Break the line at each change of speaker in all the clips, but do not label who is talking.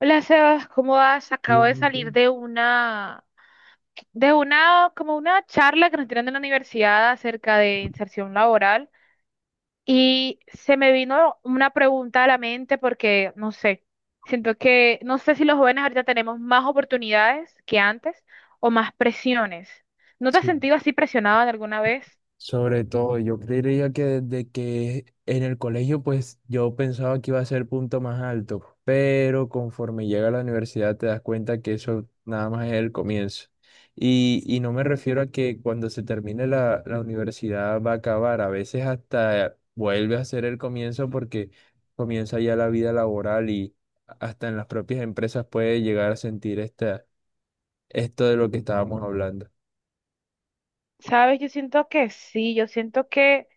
Hola Sebas, ¿cómo vas? Acabo
Bien,
de salir
bien.
de una, como una charla que nos dieron en la universidad acerca de inserción laboral y se me vino una pregunta a la mente porque, no sé, siento que, no sé si los jóvenes ahorita tenemos más oportunidades que antes o más presiones. ¿No te has
Sí,
sentido así presionada de alguna vez?
sobre todo, yo creería que desde que en el colegio, pues yo pensaba que iba a ser punto más alto, pero conforme llega a la universidad te das cuenta que eso nada más es el comienzo. Y no me refiero a que cuando se termine la universidad va a acabar, a veces hasta vuelve a ser el comienzo porque comienza ya la vida laboral y hasta en las propias empresas puede llegar a sentir esto de lo que estábamos hablando.
Sabes, yo siento que sí, yo siento que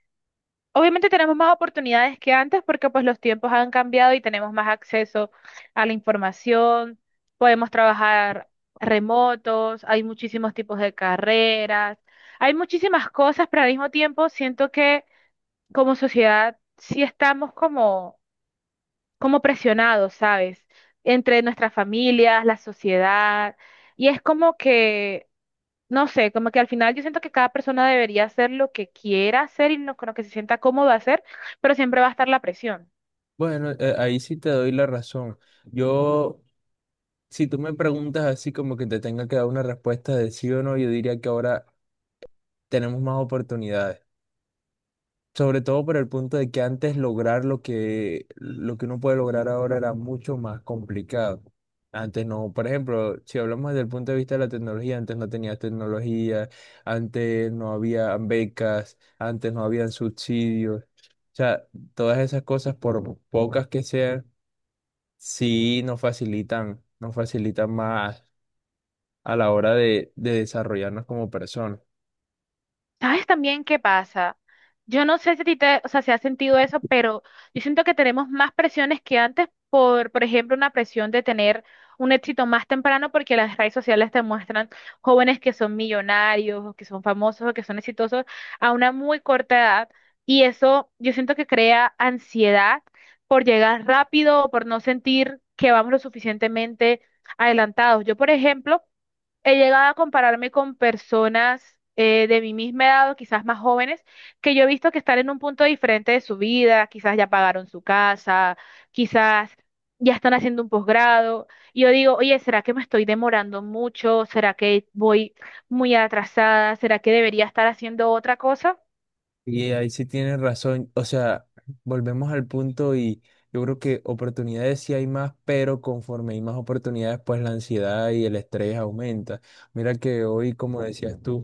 obviamente tenemos más oportunidades que antes porque pues los tiempos han cambiado y tenemos más acceso a la información, podemos trabajar remotos, hay muchísimos tipos de carreras, hay muchísimas cosas, pero al mismo tiempo siento que como sociedad sí estamos como, como presionados, ¿sabes? Entre nuestras familias, la sociedad, y es como que no sé, como que al final yo siento que cada persona debería hacer lo que quiera hacer y lo, con lo que se sienta cómodo hacer, pero siempre va a estar la presión.
Bueno, ahí sí te doy la razón. Yo, si tú me preguntas así como que te tenga que dar una respuesta de sí o no, yo diría que ahora tenemos más oportunidades. Sobre todo por el punto de que antes lograr lo que uno puede lograr ahora era mucho más complicado. Antes no, por ejemplo, si hablamos desde el punto de vista de la tecnología, antes no tenías tecnología, antes no había becas, antes no habían subsidios. O sea, todas esas cosas, por pocas que sean. Sí, nos facilitan más a la hora de desarrollarnos como personas.
¿Sabes también qué pasa? Yo no sé si a ti te, o sea, si has sentido eso, pero yo siento que tenemos más presiones que antes por ejemplo, una presión de tener un éxito más temprano porque las redes sociales te muestran jóvenes que son millonarios, o que son famosos, o que son exitosos a una muy corta edad y eso yo siento que crea ansiedad por llegar rápido o por no sentir que vamos lo suficientemente adelantados. Yo, por ejemplo, he llegado a compararme con personas de mi misma edad o quizás más jóvenes que yo he visto que están en un punto diferente de su vida, quizás ya pagaron su casa, quizás ya están haciendo un posgrado. Y yo digo, oye, ¿será que me estoy demorando mucho? ¿Será que voy muy atrasada? ¿Será que debería estar haciendo otra cosa?
Y ahí sí tienes razón, o sea, volvemos al punto y yo creo que oportunidades sí hay más, pero conforme hay más oportunidades, pues la ansiedad y el estrés aumenta. Mira que hoy, como decías tú,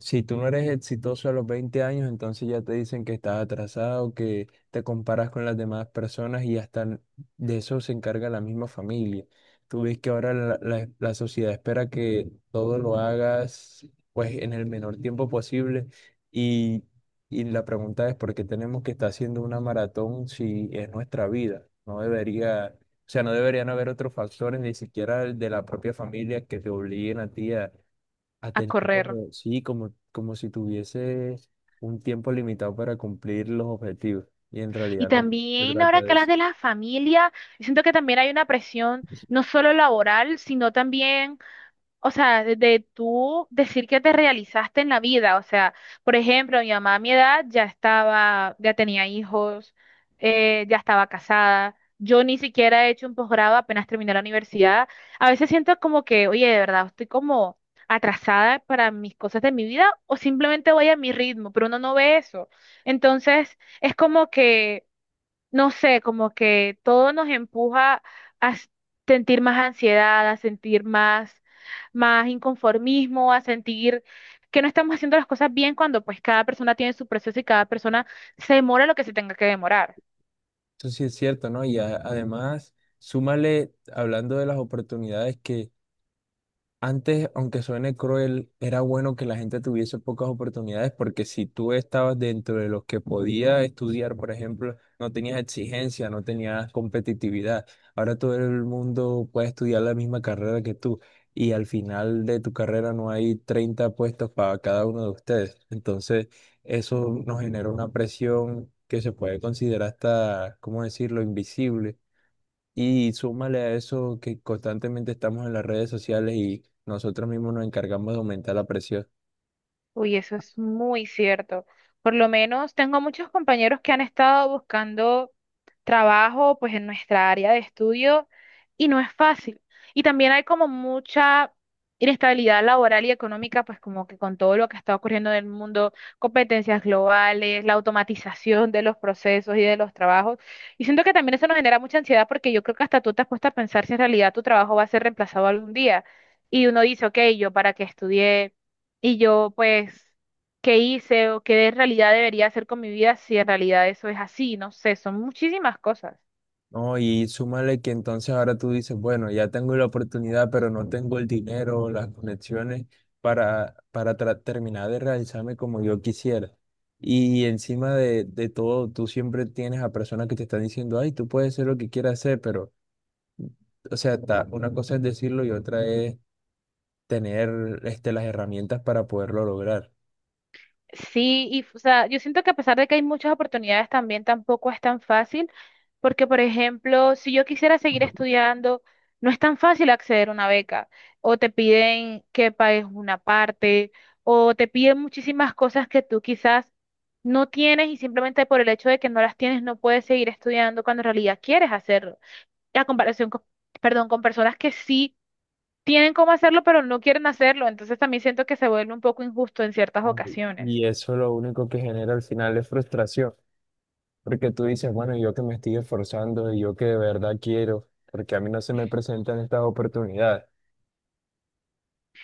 si tú no eres exitoso a los 20 años, entonces ya te dicen que estás atrasado, que te comparas con las demás personas y de eso se encarga la misma familia. Tú ves que ahora la sociedad espera que todo lo hagas pues en el menor tiempo posible y, y la pregunta es ¿por qué tenemos que estar haciendo una maratón si es nuestra vida? No debería, o sea, no deberían haber otros factores, ni siquiera el de la propia familia que te obliguen a ti a
A
tener
correr.
como, sí, como, como si tuviese un tiempo limitado para cumplir los objetivos. Y en
Y
realidad no se
también
trata
ahora que
de
hablas
eso.
de la familia, siento que también hay una presión no solo laboral, sino también. O sea, de tú decir que te realizaste en la vida. O sea, por ejemplo, mi mamá a mi edad ya estaba, ya tenía hijos, ya estaba casada. Yo ni siquiera he hecho un posgrado, apenas terminé la universidad. A veces siento como que, oye, de verdad, estoy como atrasada para mis cosas de mi vida o simplemente voy a mi ritmo, pero uno no ve eso. Entonces, es como que no sé, como que todo nos empuja a s- sentir más ansiedad, a sentir más, más inconformismo, a sentir que no estamos haciendo las cosas bien cuando pues cada persona tiene su proceso y cada persona se demora lo que se tenga que demorar.
Eso sí es cierto, ¿no? Y además, súmale, hablando de las oportunidades, que antes, aunque suene cruel, era bueno que la gente tuviese pocas oportunidades porque si tú estabas dentro de los que podía estudiar, por ejemplo, no tenías exigencia, no tenías competitividad. Ahora todo el mundo puede estudiar la misma carrera que tú y al final de tu carrera no hay 30 puestos para cada uno de ustedes. Entonces, eso nos genera una presión que se puede considerar hasta, ¿cómo decirlo?, invisible, y súmale a eso que constantemente estamos en las redes sociales y nosotros mismos nos encargamos de aumentar la presión.
Uy, eso es muy cierto. Por lo menos tengo muchos compañeros que han estado buscando trabajo pues en nuestra área de estudio y no es fácil. Y también hay como mucha inestabilidad laboral y económica, pues como que con todo lo que está ocurriendo en el mundo, competencias globales, la automatización de los procesos y de los trabajos. Y siento que también eso nos genera mucha ansiedad porque yo creo que hasta tú te has puesto a pensar si en realidad tu trabajo va a ser reemplazado algún día. Y uno dice, ok, yo para qué estudié y yo pues qué hice o qué en realidad debería hacer con mi vida si en realidad eso es así, no sé, son muchísimas cosas.
No, y súmale que entonces ahora tú dices, bueno, ya tengo la oportunidad, pero no tengo el dinero, o las conexiones para terminar de realizarme como yo quisiera. Y encima de todo, tú siempre tienes a personas que te están diciendo, ay, tú puedes hacer lo que quieras hacer, pero, o sea, una cosa es decirlo y otra es tener este, las herramientas para poderlo lograr.
Sí, y o sea, yo siento que a pesar de que hay muchas oportunidades también tampoco es tan fácil, porque por ejemplo, si yo quisiera seguir estudiando, no es tan fácil acceder a una beca, o te piden que pagues una parte, o te piden muchísimas cosas que tú quizás no tienes y simplemente por el hecho de que no las tienes no puedes seguir estudiando cuando en realidad quieres hacerlo. Y a comparación con, perdón, con personas que sí tienen cómo hacerlo, pero no quieren hacerlo. Entonces también siento que se vuelve un poco injusto en ciertas ocasiones.
Y eso lo único que genera al final es frustración, porque tú dices, bueno, yo que me estoy esforzando y yo que de verdad quiero, porque a mí no se me presentan estas oportunidades.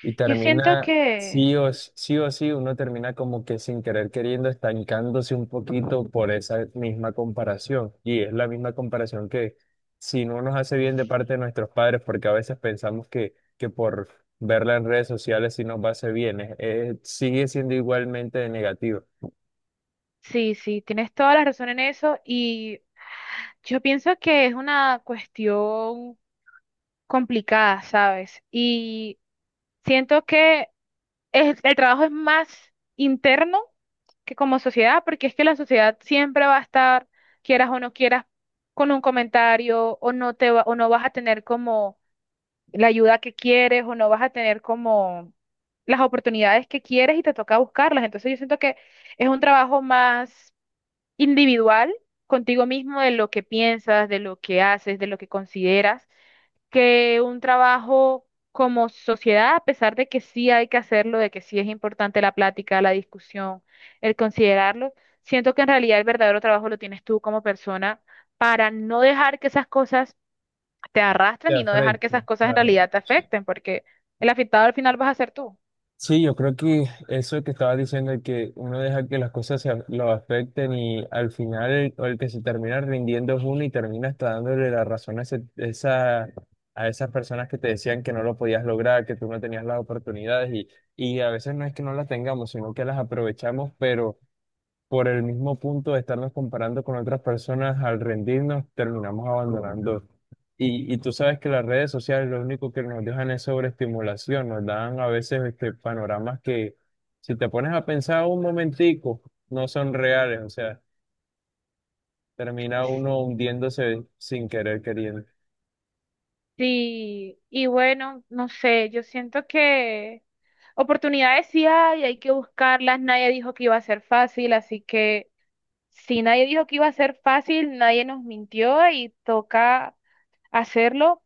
Y
Yo siento
termina,
que
sí o s- sí, o sí, uno termina como que sin querer queriendo, estancándose un poquito por esa misma comparación. Y es la misma comparación que si no nos hace bien de parte de nuestros padres, porque a veces pensamos que por verla en redes sociales sí nos va a hacer bien, sigue siendo igualmente de negativo.
sí, sí, tienes toda la razón en eso y yo pienso que es una cuestión complicada, ¿sabes? Y siento que el trabajo es más interno que como sociedad, porque es que la sociedad siempre va a estar, quieras o no quieras, con un comentario o no te va, o no vas a tener como la ayuda que quieres o no vas a tener como las oportunidades que quieres y te toca buscarlas. Entonces yo siento que es un trabajo más individual contigo mismo de lo que piensas, de lo que haces, de lo que consideras, que un trabajo como sociedad, a pesar de que sí hay que hacerlo, de que sí es importante la plática, la discusión, el considerarlo, siento que en realidad el verdadero trabajo lo tienes tú como persona para no dejar que esas cosas te arrastran y
De
no dejar que
frente,
esas cosas en
claro.
realidad te afecten, porque el afectado al final vas a ser tú.
Sí, yo creo que eso que estaba diciendo de que uno deja que las cosas lo afecten y al final el que se termina rindiendo es uno y termina hasta dándole la razón a, esa, a esas personas que te decían que no lo podías lograr, que tú no tenías las oportunidades y a veces no es que no las tengamos, sino que las aprovechamos, por el mismo punto de estarnos comparando con otras personas, al rendirnos, terminamos abandonando. Y tú sabes que las redes sociales lo único que nos dejan es sobreestimulación, nos dan a veces este, panoramas que si te pones a pensar un momentico, no son reales, o sea, termina uno hundiéndose sin querer queriendo.
Sí, y bueno, no sé, yo siento que oportunidades sí hay que buscarlas, nadie dijo que iba a ser fácil, así que si nadie dijo que iba a ser fácil, nadie nos mintió y toca hacerlo.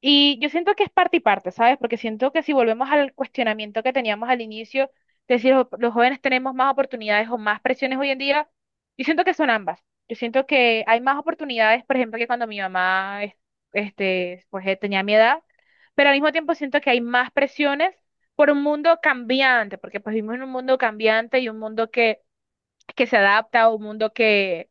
Y yo siento que es parte y parte, ¿sabes? Porque siento que si volvemos al cuestionamiento que teníamos al inicio, de si los jóvenes tenemos más oportunidades o más presiones hoy en día, yo siento que son ambas. Yo siento que hay más oportunidades, por ejemplo, que cuando mi mamá, tenía mi edad, pero al mismo tiempo siento que hay más presiones por un mundo cambiante, porque pues vivimos en un mundo cambiante y un mundo que se adapta, un mundo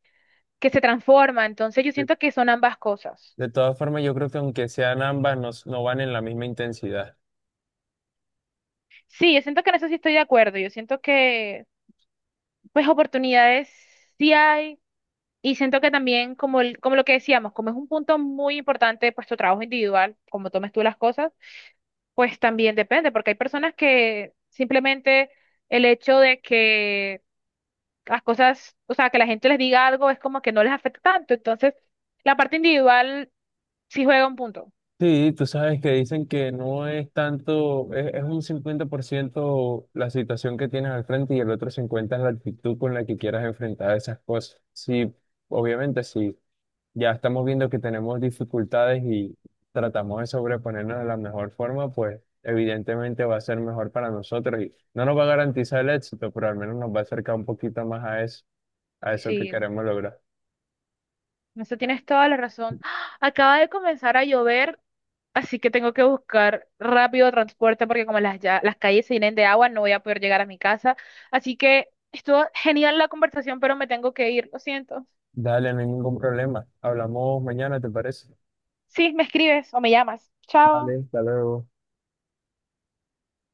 que se transforma. Entonces yo
De
siento que son ambas cosas.
de todas formas, yo creo que aunque sean ambas, no, no van en la misma intensidad.
Sí, yo siento que en eso sí estoy de acuerdo. Yo siento que, pues, oportunidades sí hay. Y siento que también, como, como lo que decíamos, como es un punto muy importante, pues, tu trabajo individual, como tomes tú las cosas, pues también depende, porque hay personas que simplemente el hecho de que las cosas, o sea, que la gente les diga algo es como que no les afecta tanto. Entonces, la parte individual sí juega un punto.
Sí, tú sabes que dicen que no es tanto, es un 50% la situación que tienes al frente y el otro 50% es la actitud con la que quieras enfrentar esas cosas. Sí, obviamente, sí, ya estamos viendo que tenemos dificultades y tratamos de sobreponernos de la mejor forma, pues evidentemente va a ser mejor para nosotros y no nos va a garantizar el éxito, pero al menos nos va a acercar un poquito más a eso
Sí,
que
en
queremos lograr.
eso tienes toda la razón. ¡Ah! Acaba de comenzar a llover. Así que tengo que buscar rápido transporte porque como las, ya, las calles se llenen de agua, no voy a poder llegar a mi casa. Así que estuvo genial la conversación, pero me tengo que ir, lo siento.
Dale, no hay ningún problema. Hablamos mañana, ¿te parece?
Sí, me escribes o me llamas.
Vale,
Chao.
hasta luego.